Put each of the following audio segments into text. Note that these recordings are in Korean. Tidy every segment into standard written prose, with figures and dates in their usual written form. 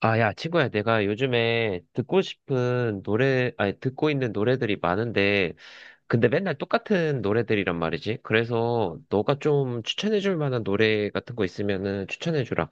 아, 야, 친구야, 내가 요즘에 듣고 싶은 노래, 아니, 듣고 있는 노래들이 많은데, 근데 맨날 똑같은 노래들이란 말이지. 그래서 너가 좀 추천해줄 만한 노래 같은 거 있으면은 추천해주라.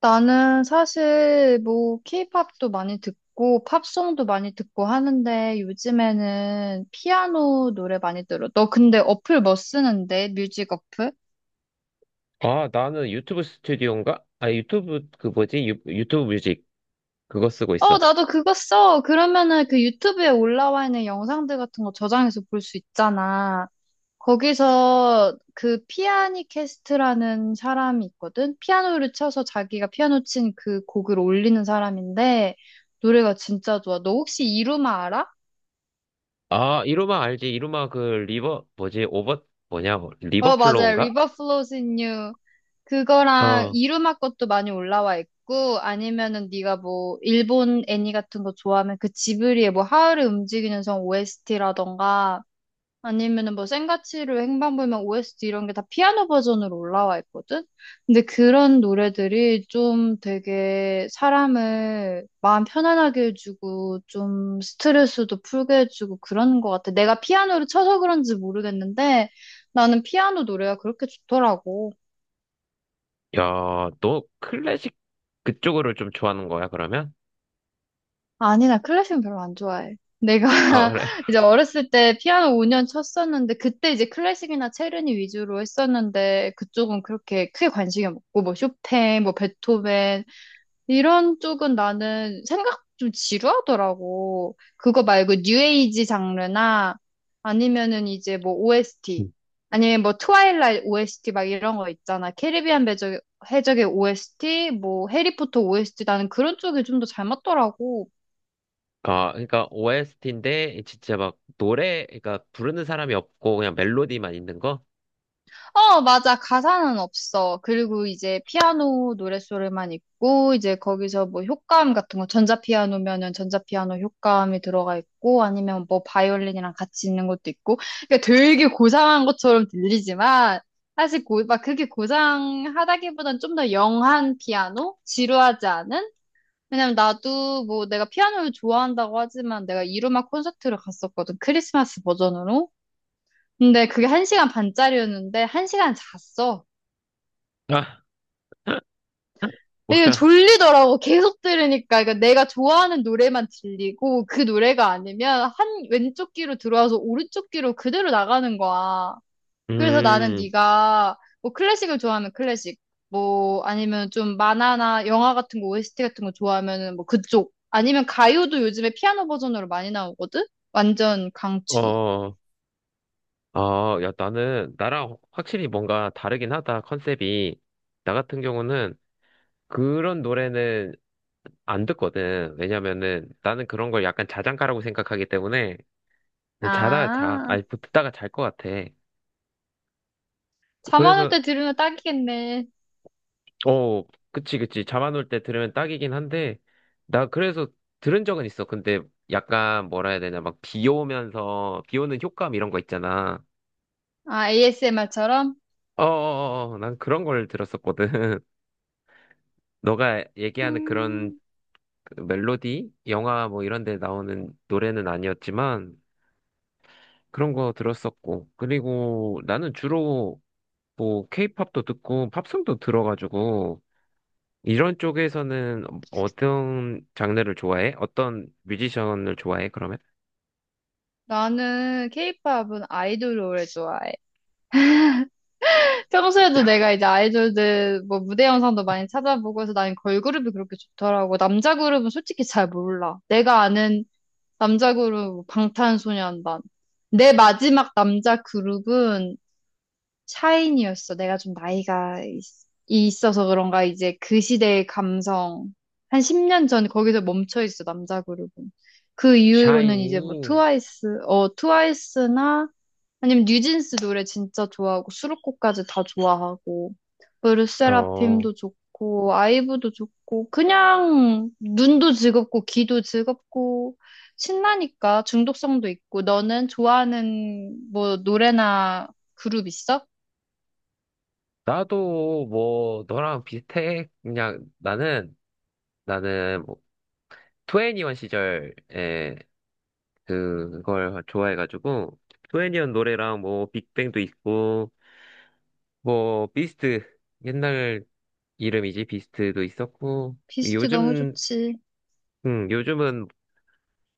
나는 사실 뭐 케이팝도 많이 듣고 팝송도 많이 듣고 하는데 요즘에는 피아노 노래 많이 들어. 너 근데 어플 뭐 쓰는데? 뮤직 어플? 아, 나는 유튜브 스튜디오인가? 아, 유튜브, 그 뭐지? 유튜브 뮤직. 그거 쓰고 어, 있어. 나도 그거 써. 그러면은 그 유튜브에 올라와 있는 영상들 같은 거 저장해서 볼 수 있잖아. 거기서 그 피아니캐스트라는 사람이 있거든? 피아노를 쳐서 자기가 피아노 친 그 곡을 올리는 사람인데 노래가 진짜 좋아. 너 혹시 이루마 알아? 아, 이루마 알지? 이루마 그 리버 뭐지? 오버 뭐냐? 뭐, 어, 맞아요. 리버플로우인가? River Flows in You. 그거랑 어. 이루마 것도 많이 올라와 있고, 아니면은 네가 뭐, 일본 애니 같은 거 좋아하면 그 지브리의 뭐, 하울의 움직이는 성 OST라던가, 아니면은 뭐 생가치로 행방불명 OST 이런 게 다 피아노 버전으로 올라와 있거든? 근데 그런 노래들이 좀 되게 사람을 마음 편안하게 해주고 좀 스트레스도 풀게 해주고 그러는 것 같아. 내가 피아노를 쳐서 그런지 모르겠는데 나는 피아노 노래가 그렇게 좋더라고. 야, 너 클래식 그쪽으로 좀 좋아하는 거야, 그러면? 아니, 나 클래식은 별로 안 좋아해. 내가 아, 그래. 이제 어렸을 때 피아노 5년 쳤었는데, 그때 이제 클래식이나 체르니 위주로 했었는데, 그쪽은 그렇게 크게 관심이 없고, 뭐 쇼팽, 뭐 베토벤, 이런 쪽은 나는 생각 좀 지루하더라고. 그거 말고 뉴에이지 장르나, 아니면은 이제 뭐 OST, 음. 아니면 뭐 트와일라이트 OST 막 이런 거 있잖아. 캐리비안 배적 해적의 OST, 뭐 해리포터 OST, 나는 그런 쪽이 좀 더 잘 맞더라고. 아, 그러니까 OST인데 진짜 막 노래 그러니까 부르는 사람이 없고 그냥 멜로디만 있는 거? 어, 맞아. 가사는 없어. 그리고 이제 피아노 노랫소리만 있고, 이제 거기서 뭐 효과음 같은 거, 전자피아노면은 전자피아노 효과음이 들어가 있고, 아니면 뭐 바이올린이랑 같이 있는 것도 있고, 그러니까 되게 고상한 것처럼 들리지만, 사실 막 그렇게 고상하다기보단 좀 더 영한 피아노? 지루하지 않은? 왜냐면 나도 뭐 내가 피아노를 좋아한다고 하지만 내가 이루마 콘서트를 갔었거든. 크리스마스 버전으로. 근데 그게 한시간 반짜리였는데 한시간 잤어. 아, 이게 뭐야? 졸리더라고. 계속 들으니까. 그러니까 내가 좋아하는 노래만 들리고 그 노래가 아니면 한 왼쪽 귀로 들어와서 오른쪽 귀로 그대로 나가는 거야. 그래서 나는 음. 네가 뭐 클래식을 좋아하면 클래식, 뭐 아니면 좀 만화나 영화 같은 거 OST 같은 거 좋아하면은 뭐 그쪽. 아니면 가요도 요즘에 피아노 버전으로 많이 나오거든? 완전 강추. 어. 아, 야, 나는 나랑 확실히 뭔가 다르긴 하다. 컨셉이. 나 같은 경우는 그런 노래는 안 듣거든. 왜냐면은 나는 그런 걸 약간 자장가라고 생각하기 때문에 아, 아니 듣다가 잘 것 같아. 잠 안 올 그래서 때 들으면 딱이겠네. 어, 그치, 그치. 잠안올 때 들으면 딱이긴 한데 나 그래서 들은 적은 있어. 근데 약간 뭐라 해야 되냐 막 비 오면서 비 오는 효과음 이런 거 있잖아. 아, ASMR처럼? 어어어, 난 그런 걸 들었었거든. 너가 얘기하는 그런 그 멜로디, 영화 뭐 이런 데 나오는 노래는 아니었지만 그런 거 들었었고. 그리고 나는 주로 뭐 케이팝도 듣고 팝송도 들어가지고 이런 쪽에서는 어떤 장르를 좋아해? 어떤 뮤지션을 좋아해? 그러면? 나는 케이팝은 아이돌을 오래 좋아해. 평소에도 내가 이제 아이돌들 뭐 무대 영상도 많이 찾아보고 해서 나는 걸그룹이 그렇게 좋더라고. 남자 그룹은 솔직히 잘 몰라. 내가 아는 남자 그룹 뭐 방탄소년단. 내 마지막 남자 그룹은 샤이니였어. 내가 좀 나이가 있어서 그런가 이제 그 시대의 감성. 한 10년 전 거기서 멈춰 있어, 남자 그룹은. 그 이후로는 이제 뭐 샤이니, 트와이스, 어, 트와이스나 아니면 뉴진스 노래 진짜 좋아하고 수록곡까지 다 좋아하고 어, 르세라핌도 좋고 아이브도 좋고 그냥 눈도 즐겁고 귀도 즐겁고 신나니까 중독성도 있고 너는 좋아하는 뭐 노래나 그룹 있어? 나도 뭐, 너랑 비슷해. 그냥 나는 뭐, 2 n e 시절에 그걸 좋아해가지고, 투애니원 노래랑 뭐, 빅뱅도 있고, 뭐, 비스트, 옛날 이름이지, 비스트도 있었고, 비스트 너무 요즘, 좋지. 요즘은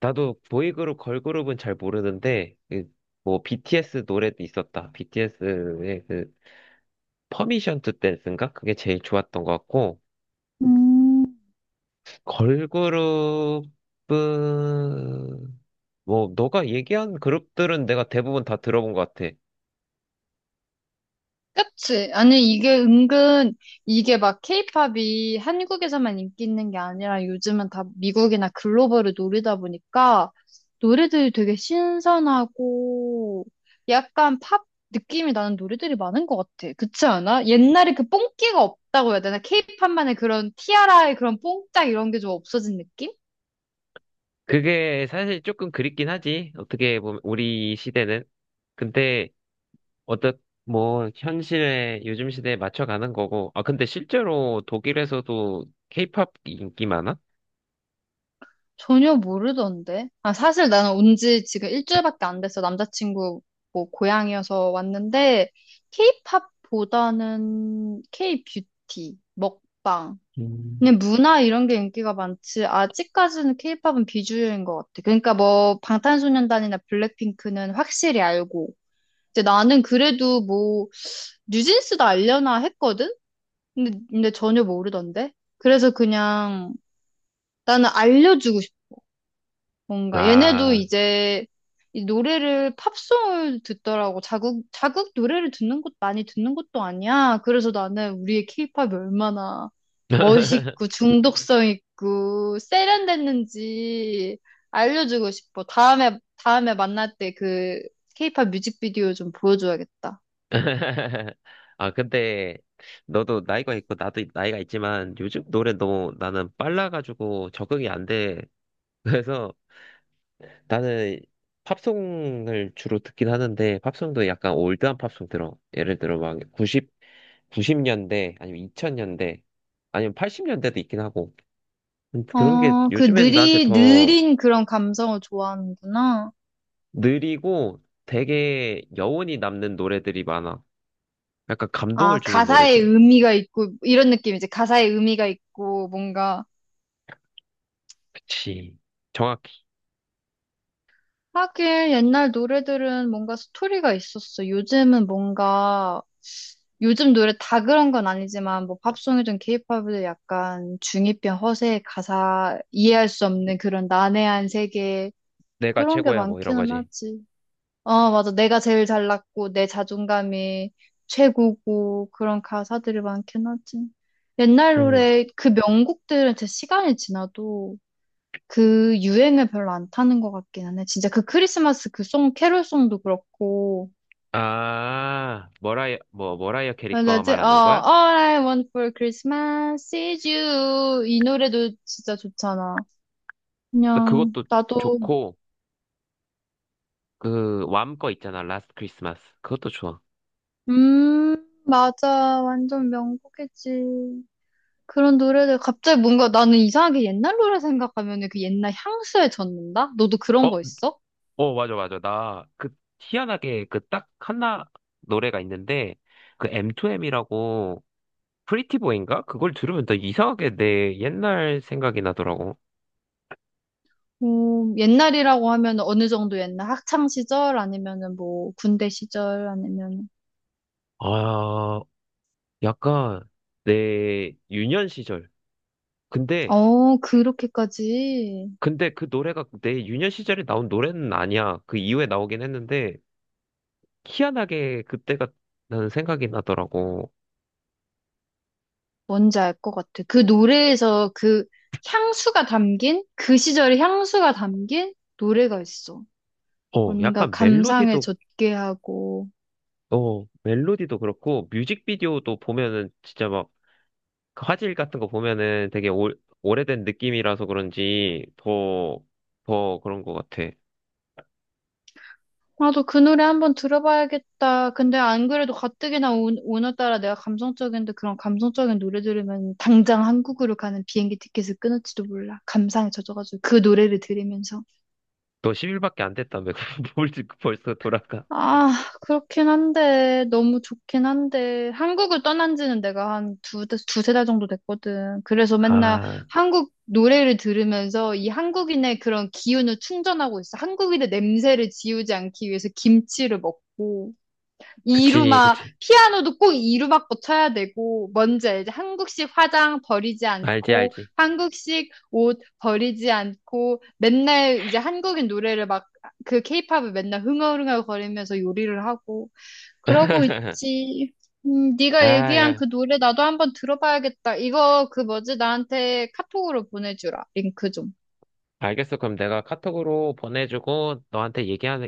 나도 보이그룹, 걸그룹은 잘 모르는데, 그, 뭐, BTS 노래도 있었다. BTS의 그, 퍼미션 투 댄스인가? 그게 제일 좋았던 것 같고, 음. 걸그룹은, 뭐, 너가 얘기한 그룹들은 내가 대부분 다 들어본 것 같아. 그치? 아니, 이게 은근, 이게 막 케이팝이 한국에서만 인기 있는 게 아니라 요즘은 다 미국이나 글로벌을 노리다 보니까 노래들이 되게 신선하고 약간 팝 느낌이 나는 노래들이 많은 것 같아. 그치 않아? 옛날에 그 뽕끼가 없다고 해야 되나? 케이팝만의 그런 티아라의 그런 뽕짝 이런 게 좀 없어진 느낌? 그게 사실 조금 그립긴 하지. 어떻게 보면, 우리 시대는. 근데, 어떻, 뭐, 현실에, 요즘 시대에 맞춰가는 거고. 아, 근데 실제로 독일에서도 케이팝 인기 많아? 전혀 모르던데. 아, 사실 나는 온지 지금 일주일밖에 안 됐어. 남자친구 뭐 고향이어서 왔는데, 케이팝보다는 케이뷰티, 먹방. 그냥 문화 이런 게 인기가 많지. 아직까지는 케이팝은 비주류인 것 같아. 그러니까 뭐 방탄소년단이나 블랙핑크는 확실히 알고. 이제 나는 그래도 뭐 뉴진스도 알려나 했거든? 근데 전혀 모르던데. 그래서 그냥 나는 알려주고 싶어. 뭔가 얘네도 아. 이제 이 노래를 팝송을 듣더라고. 자국 노래를 듣는 것 많이 듣는 것도 아니야. 그래서 나는 우리의 케이팝이 얼마나 멋있고 중독성 있고 세련됐는지 알려주고 싶어. 다음에 만날 때 그 케이팝 뮤직비디오 좀 보여줘야겠다. 아, 근데 너도 나이가 있고 나도 나이가 있지만 요즘 노래 너무 나는 빨라가지고 적응이 안 돼. 그래서 나는 팝송을 주로 듣긴 하는데 팝송도 약간 올드한 팝송 들어. 예를 들어 막 90, 구십 년대 아니면 2000년대 아니면 80년대도 있긴 하고. 그런 게 어, 그 요즘엔 나한테 느리 더 느린 그런 감성을 좋아하는구나. 느리고 되게 여운이 남는 노래들이 많아. 약간 아, 감동을 주는 가사에 노래들. 의미가 있고 이런 느낌이지. 가사에 의미가 있고 뭔가 그치. 정확히. 하긴 옛날 노래들은 뭔가 스토리가 있었어. 요즘은 뭔가 요즘 노래 다 그런 건 아니지만 뭐 팝송이든 케이팝이든 약간 중이병 허세 가사 이해할 수 없는 그런 난해한 세계 내가 그런 게 최고야, 뭐 이런 많기는 거지. 하지. 어, 맞아. 내가 제일 잘났고 내 자존감이 최고고 그런 가사들이 많긴 하지. 옛날 음. 노래 그 명곡들은 진짜 시간이 지나도 그 유행을 별로 안 타는 것 같기는 해. 진짜 그 크리스마스 그 송, 캐롤송도 그렇고. 아, 머라이어 캐리 거 맞아지? 어, 말하는 거야? All I want for Christmas is you. 이 노래도 진짜 좋잖아. 근데 그냥, 그것도 나도, 좋고, 그, 왬 거 있잖아, 라스트 크리스마스. 그것도 좋아. 음, 맞아. 완전 명곡이지. 그런 노래들, 갑자기 뭔가 나는 이상하게 옛날 노래 생각하면 그 옛날 향수에 젖는다? 너도 그런 어, 거 있어? 어, 맞아, 맞아. 나, 그, 희한하게, 그, 딱 하나 노래가 있는데, 그, M2M이라고, 프리티보인가? 그걸 들으면 나 이상하게 내 옛날 생각이 나더라고. 뭐, 옛날이라고 하면 어느 정도 옛날 학창 시절 아니면은 뭐 군대 시절 아니면 아, 약간, 내 유년 시절. 근데, 어, 그렇게까지 근데 그 노래가 내 유년 시절에 나온 노래는 아니야. 그 이후에 나오긴 했는데, 희한하게 그때가 나는 생각이 나더라고. 뭔지 알 것 같아. 그 노래에서 그 향수가 담긴, 그 시절의 향수가 담긴 노래가 있어. 어, 뭔가 약간 감상에 젖게 하고. 멜로디도 그렇고, 뮤직비디오도 보면은 진짜 막그 화질 같은 거 보면은 되게 오래된 느낌이라서 그런지 더 그런 것 같아. 나도 그 노래 한번 들어봐야겠다. 근데 안 그래도 가뜩이나 오늘따라 내가 감성적인데 그런 감성적인 노래 들으면 당장 한국으로 가는 비행기 티켓을 끊을지도 몰라. 감상에 젖어가지고 그 노래를 들으면서. 너 10일밖에 안 됐다며. 뭘 지금 벌써 돌아가. 아, 그렇긴 한데, 너무 좋긴 한데, 한국을 떠난 지는 내가 한 두세 달 정도 됐거든. 그래서 맨날 아, 한국 노래를 들으면서 이 한국인의 그런 기운을 충전하고 있어. 한국인의 냄새를 지우지 않기 위해서 김치를 먹고, 그치, 이루마, 그치. 피아노도 꼭 이루막고 쳐야 되고, 먼저 이제 한국식 화장 버리지 알지, 않고, 알지. 한국식 옷 버리지 않고, 맨날 이제 한국인 노래를 막, 그 케이팝을 맨날 흥얼흥얼 거리면서 요리를 하고, 그러고 있지. 네가 아, 얘기한 야. 그 노래 나도 한번 들어봐야겠다. 이거 그 뭐지? 나한테 카톡으로 보내주라. 링크 좀. 알겠어. 그럼 내가 카톡으로 보내주고 너한테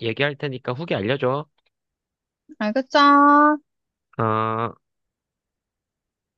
얘기할 테니까 후기 알려줘. 알겠죠? 어.